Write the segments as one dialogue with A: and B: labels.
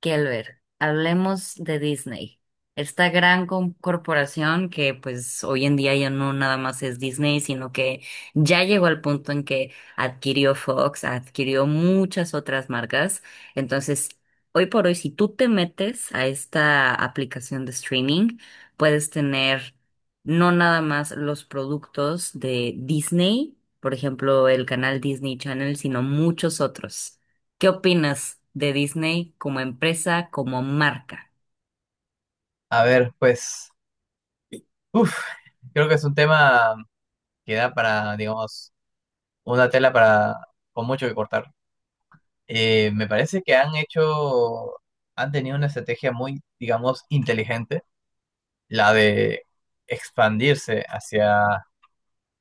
A: Kelber, hablemos de Disney, esta gran corporación que pues hoy en día ya no nada más es Disney, sino que ya llegó al punto en que adquirió Fox, adquirió muchas otras marcas. Entonces, hoy por hoy, si tú te metes a esta aplicación de streaming, puedes tener no nada más los productos de Disney, por ejemplo, el canal Disney Channel, sino muchos otros. ¿Qué opinas de Disney como empresa, como marca?
B: A ver, pues, uf, creo que es un tema que da para, digamos, una tela para con mucho que cortar. Me parece que han tenido una estrategia muy, digamos, inteligente, la de expandirse hacia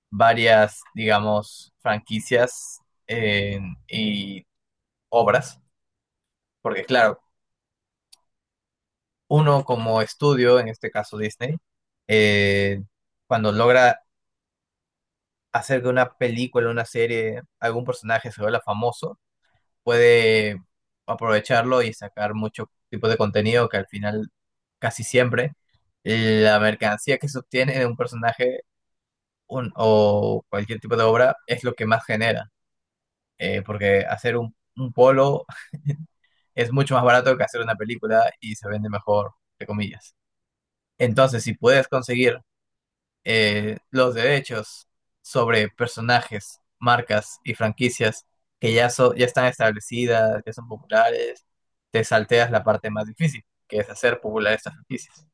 B: varias, digamos, franquicias eh, y obras, porque claro, uno como estudio, en este caso Disney, eh, cuando logra hacer que una película, una serie, algún personaje se vuelva famoso, puede aprovecharlo y sacar muchos tipos de contenido que al final casi siempre la mercancía que se obtiene de un personaje o cualquier tipo de obra es lo que más genera, porque hacer un polo es mucho más barato que hacer una película y se vende mejor, entre comillas. Entonces, si puedes conseguir los derechos sobre personajes, marcas y franquicias que ya están establecidas, que son populares, te salteas la parte más difícil, que es hacer popular estas franquicias.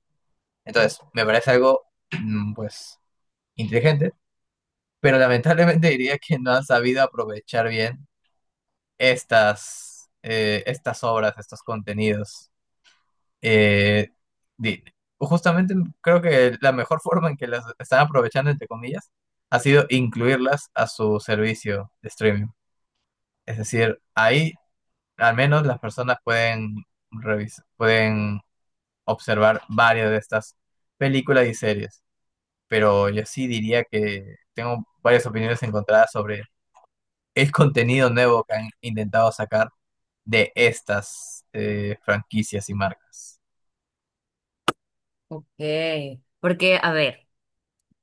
B: Entonces, me parece algo, pues, inteligente, pero lamentablemente diría que no han sabido aprovechar bien estas obras, estos contenidos. Eh, di- Justamente creo que la mejor forma en que las están aprovechando, entre comillas, ha sido incluirlas a su servicio de streaming. Es decir, ahí al menos las personas pueden pueden observar varias de estas películas y series. Pero yo sí diría que tengo varias opiniones encontradas sobre el contenido nuevo que han intentado sacar de estas franquicias y marcas.
A: Ok. Porque, a ver,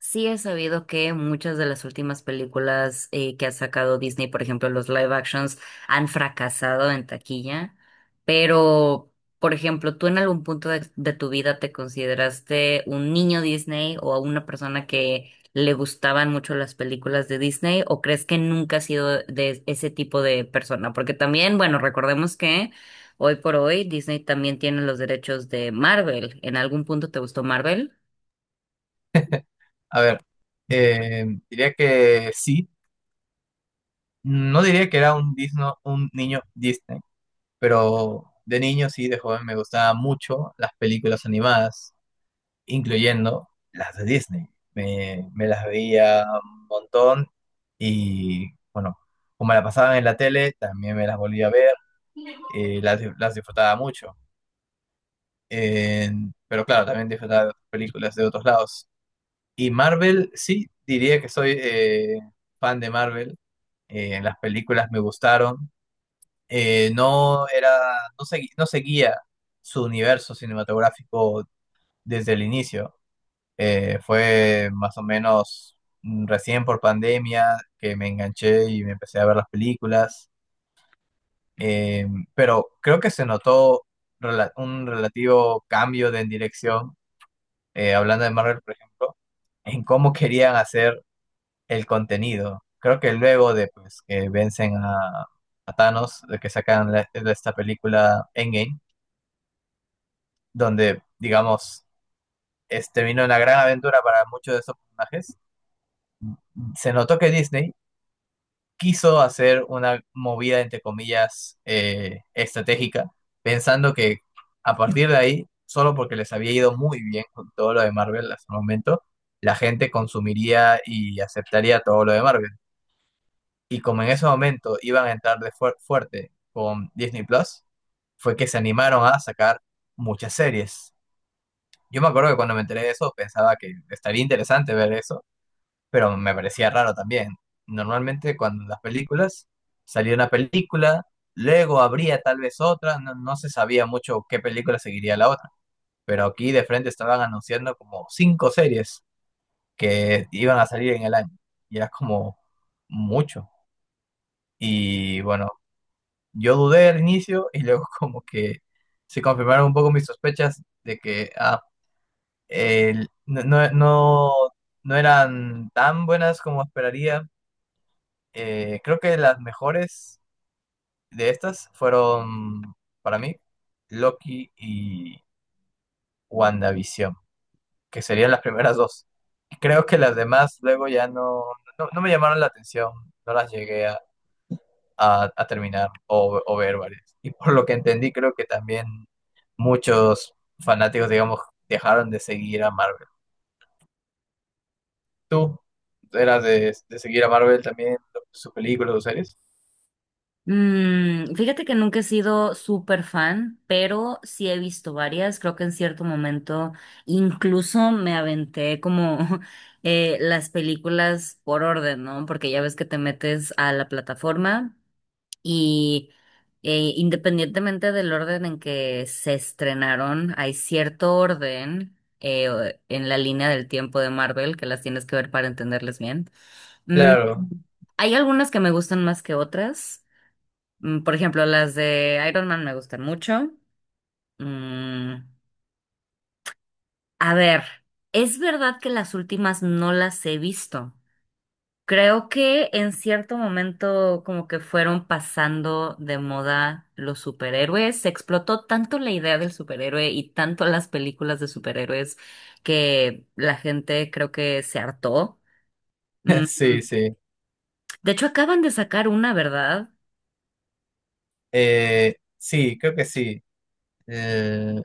A: sí he sabido que muchas de las últimas películas que ha sacado Disney, por ejemplo, los live actions, han fracasado en taquilla, pero, por ejemplo, ¿tú en algún punto de tu vida te consideraste un niño Disney o una persona que le gustaban mucho las películas de Disney o crees que nunca has sido de ese tipo de persona? Porque también, bueno, recordemos que hoy por hoy Disney también tiene los derechos de Marvel. ¿En algún punto te gustó Marvel?
B: A ver, diría que sí. No diría que era un niño Disney, pero de niño sí, de joven me gustaban mucho las películas animadas, incluyendo las de Disney. Me las veía un montón y bueno, como la pasaban en la tele, también me las volvía a ver, las disfrutaba mucho. Pero claro, también disfrutaba de otras películas de otros lados. Y Marvel, sí, diría que soy fan de Marvel. Las películas me gustaron. No era, no segui- no seguía su universo cinematográfico desde el inicio. Fue más o menos recién por pandemia que me enganché y me empecé a ver las películas. Eh, pero creo que se notó un relativo cambio de en dirección, hablando de Marvel, por ejemplo, en cómo querían hacer el contenido. Creo que luego de pues, que vencen a Thanos, de que sacan esta película Endgame, donde, digamos, vino una gran aventura para muchos de esos personajes, se notó que Disney quiso hacer una movida, entre comillas, estratégica, pensando que a partir de ahí, solo porque les había ido muy bien con todo lo de Marvel hasta el momento, la gente consumiría y aceptaría todo lo de Marvel. Y como en ese momento iban a entrar fuerte con Disney Plus, fue que se animaron a sacar muchas series. Yo me acuerdo que cuando me enteré de eso pensaba que estaría interesante ver eso, pero me parecía raro también. Normalmente cuando las películas salía una película, luego habría tal vez otra, no, no se sabía mucho qué película seguiría la otra, pero aquí de frente estaban anunciando como cinco series que iban a salir en el año. Y era como mucho. Y bueno, yo dudé al inicio y luego como que se confirmaron un poco mis sospechas de que el- no, no, no- no eran tan buenas como esperaría. Creo que las mejores de estas fueron para mí Loki y WandaVision, que serían las primeras dos. Creo que las demás luego ya no me llamaron la atención, no las llegué a terminar o ver varias. Y por lo que entendí, creo que también muchos fanáticos, digamos, dejaron de seguir a Marvel. ¿Tú eras de seguir a Marvel también, sus películas, sus series?
A: Mm, fíjate que nunca he sido súper fan, pero sí he visto varias. Creo que en cierto momento incluso me aventé como las películas por orden, ¿no? Porque ya ves que te metes a la plataforma y independientemente del orden en que se estrenaron, hay cierto orden en la línea del tiempo de Marvel que las tienes que ver para entenderles bien. Mm,
B: Claro,
A: hay algunas que me gustan más que otras. Mm, por ejemplo, las de Iron Man me gustan mucho. Mm, a ver, es verdad que las últimas no las he visto. Creo que en cierto momento como que fueron pasando de moda los superhéroes. Se explotó tanto la idea del superhéroe y tanto las películas de superhéroes que la gente creo que se hartó. Mm.
B: sí, sí.
A: De hecho, acaban de sacar una, ¿verdad?
B: Sí, creo que sí. Eh,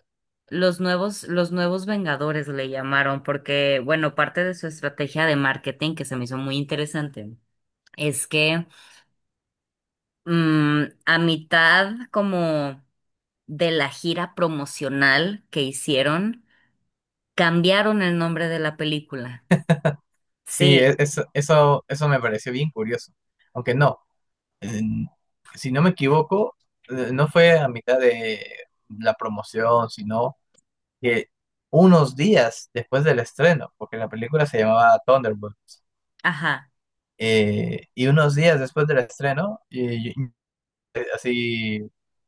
A: Los nuevos Vengadores le llamaron, porque, bueno, parte de su estrategia de marketing que se me hizo muy interesante es que, a mitad como de la gira promocional que hicieron, cambiaron el nombre de la película.
B: sí,
A: Sí,
B: e- eso, eso, eso me pareció bien curioso. Aunque no, eh, si no me equivoco, no fue a mitad de la promoción, sino que unos días después del estreno, porque la película se llamaba Thunderbolt,
A: ajá.
B: y unos días después del estreno, así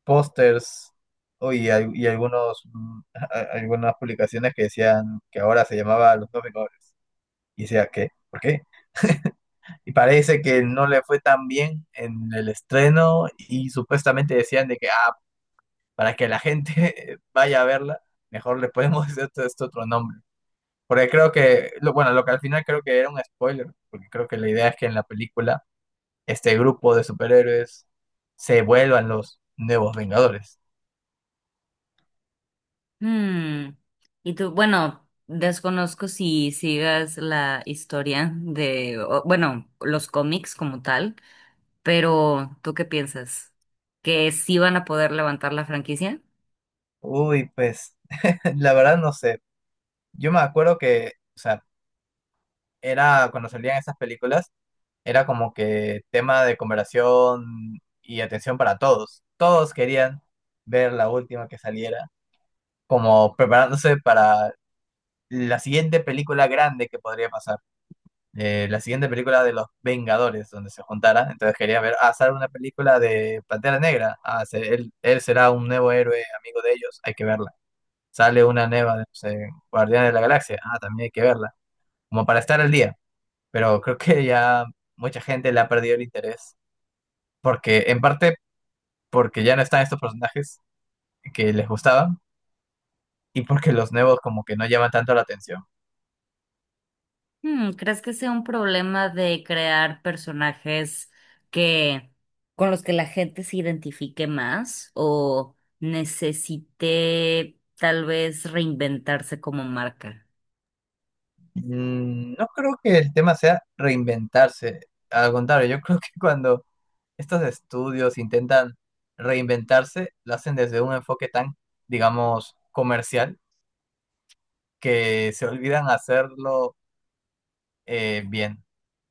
B: pósters oh, y algunos, algunas publicaciones que decían que ahora se llamaba Los Dos Vengadores. Y decía, ¿qué? ¿Por qué? Y parece que no le fue tan bien en el estreno y supuestamente decían de que, para que la gente vaya a verla, mejor le podemos hacer este otro nombre. Porque creo que, bueno, lo que al final creo que era un spoiler, porque creo que la idea es que en la película este grupo de superhéroes se vuelvan los nuevos Vengadores.
A: Hmm. Y tú, bueno, desconozco si sigas la historia de, o, bueno, los cómics como tal. Pero, ¿tú qué piensas? ¿Que sí van a poder levantar la franquicia?
B: Uy, pues la verdad no sé. Yo me acuerdo que, o sea, era cuando salían esas películas, era como que tema de conversación y atención para todos. Todos querían ver la última que saliera, como preparándose para la siguiente película grande que podría pasar. La siguiente película de los Vengadores, donde se juntara. Entonces quería ver, ah, sale una película de Pantera Negra. Ah, él será un nuevo héroe, amigo de ellos, hay que verla. Sale una nueva de no sé, Guardianes de la Galaxia. Ah, también hay que verla. Como para estar al día. Pero creo que ya mucha gente le ha perdido el interés. Porque, en parte, porque ya no están estos personajes que les gustaban. Y porque los nuevos como que no llaman tanto la atención.
A: Hmm, ¿crees que sea un problema de crear personajes que con los que la gente se identifique más o necesite tal vez reinventarse como marca?
B: No creo que el tema sea reinventarse. Al contrario, yo creo que cuando estos estudios intentan reinventarse, lo hacen desde un enfoque tan, digamos, comercial, que se olvidan hacerlo bien.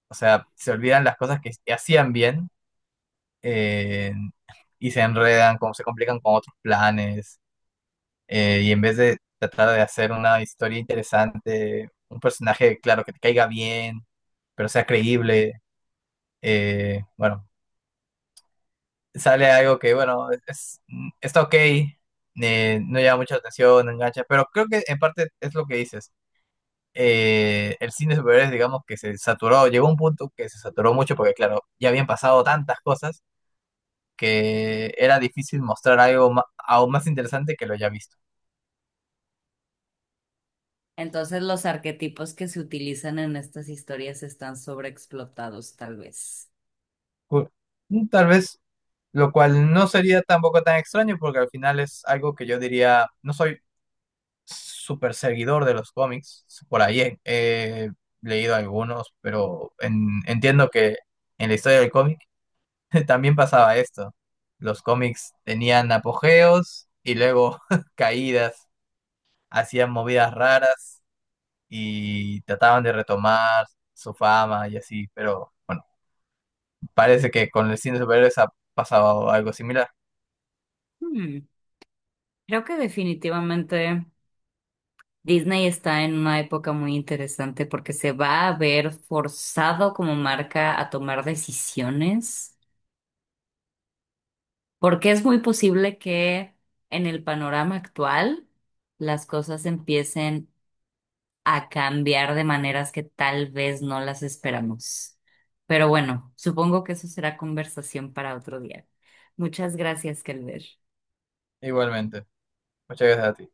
B: O sea, se olvidan las cosas que hacían bien eh, y se enredan, como se complican con otros planes. Y en vez de tratar de hacer una historia interesante, un personaje, claro, que te caiga bien, pero sea creíble. Bueno, sale algo que, bueno, está ok, no llama mucha atención, no engancha, pero creo que en parte es lo que dices. El cine de superhéroes, digamos que se saturó, llegó a un punto que se saturó mucho porque, claro, ya habían pasado tantas cosas que era difícil mostrar algo aún más interesante que lo ya visto.
A: Entonces los arquetipos que se utilizan en estas historias están sobreexplotados, tal vez.
B: Pu- Tal vez, lo cual no sería tampoco tan extraño porque al final es algo que yo diría, no soy súper seguidor de los cómics. Por ahí he leído algunos, pero entiendo que en la historia del cómic también pasaba esto. Los cómics tenían apogeos y luego caídas, hacían movidas raras y trataban de retomar su fama y así, pero bueno, parece que con el cine de superhéroes ha pasado algo similar.
A: Hmm, creo que definitivamente. Disney está en una época muy interesante porque se va a ver forzado como marca a tomar decisiones, porque es muy posible que en el panorama actual las cosas empiecen a cambiar de maneras que tal vez no las esperamos. Pero bueno, supongo que eso será conversación para otro día. Muchas gracias, Kelber.
B: Igualmente. Muchas gracias a ti.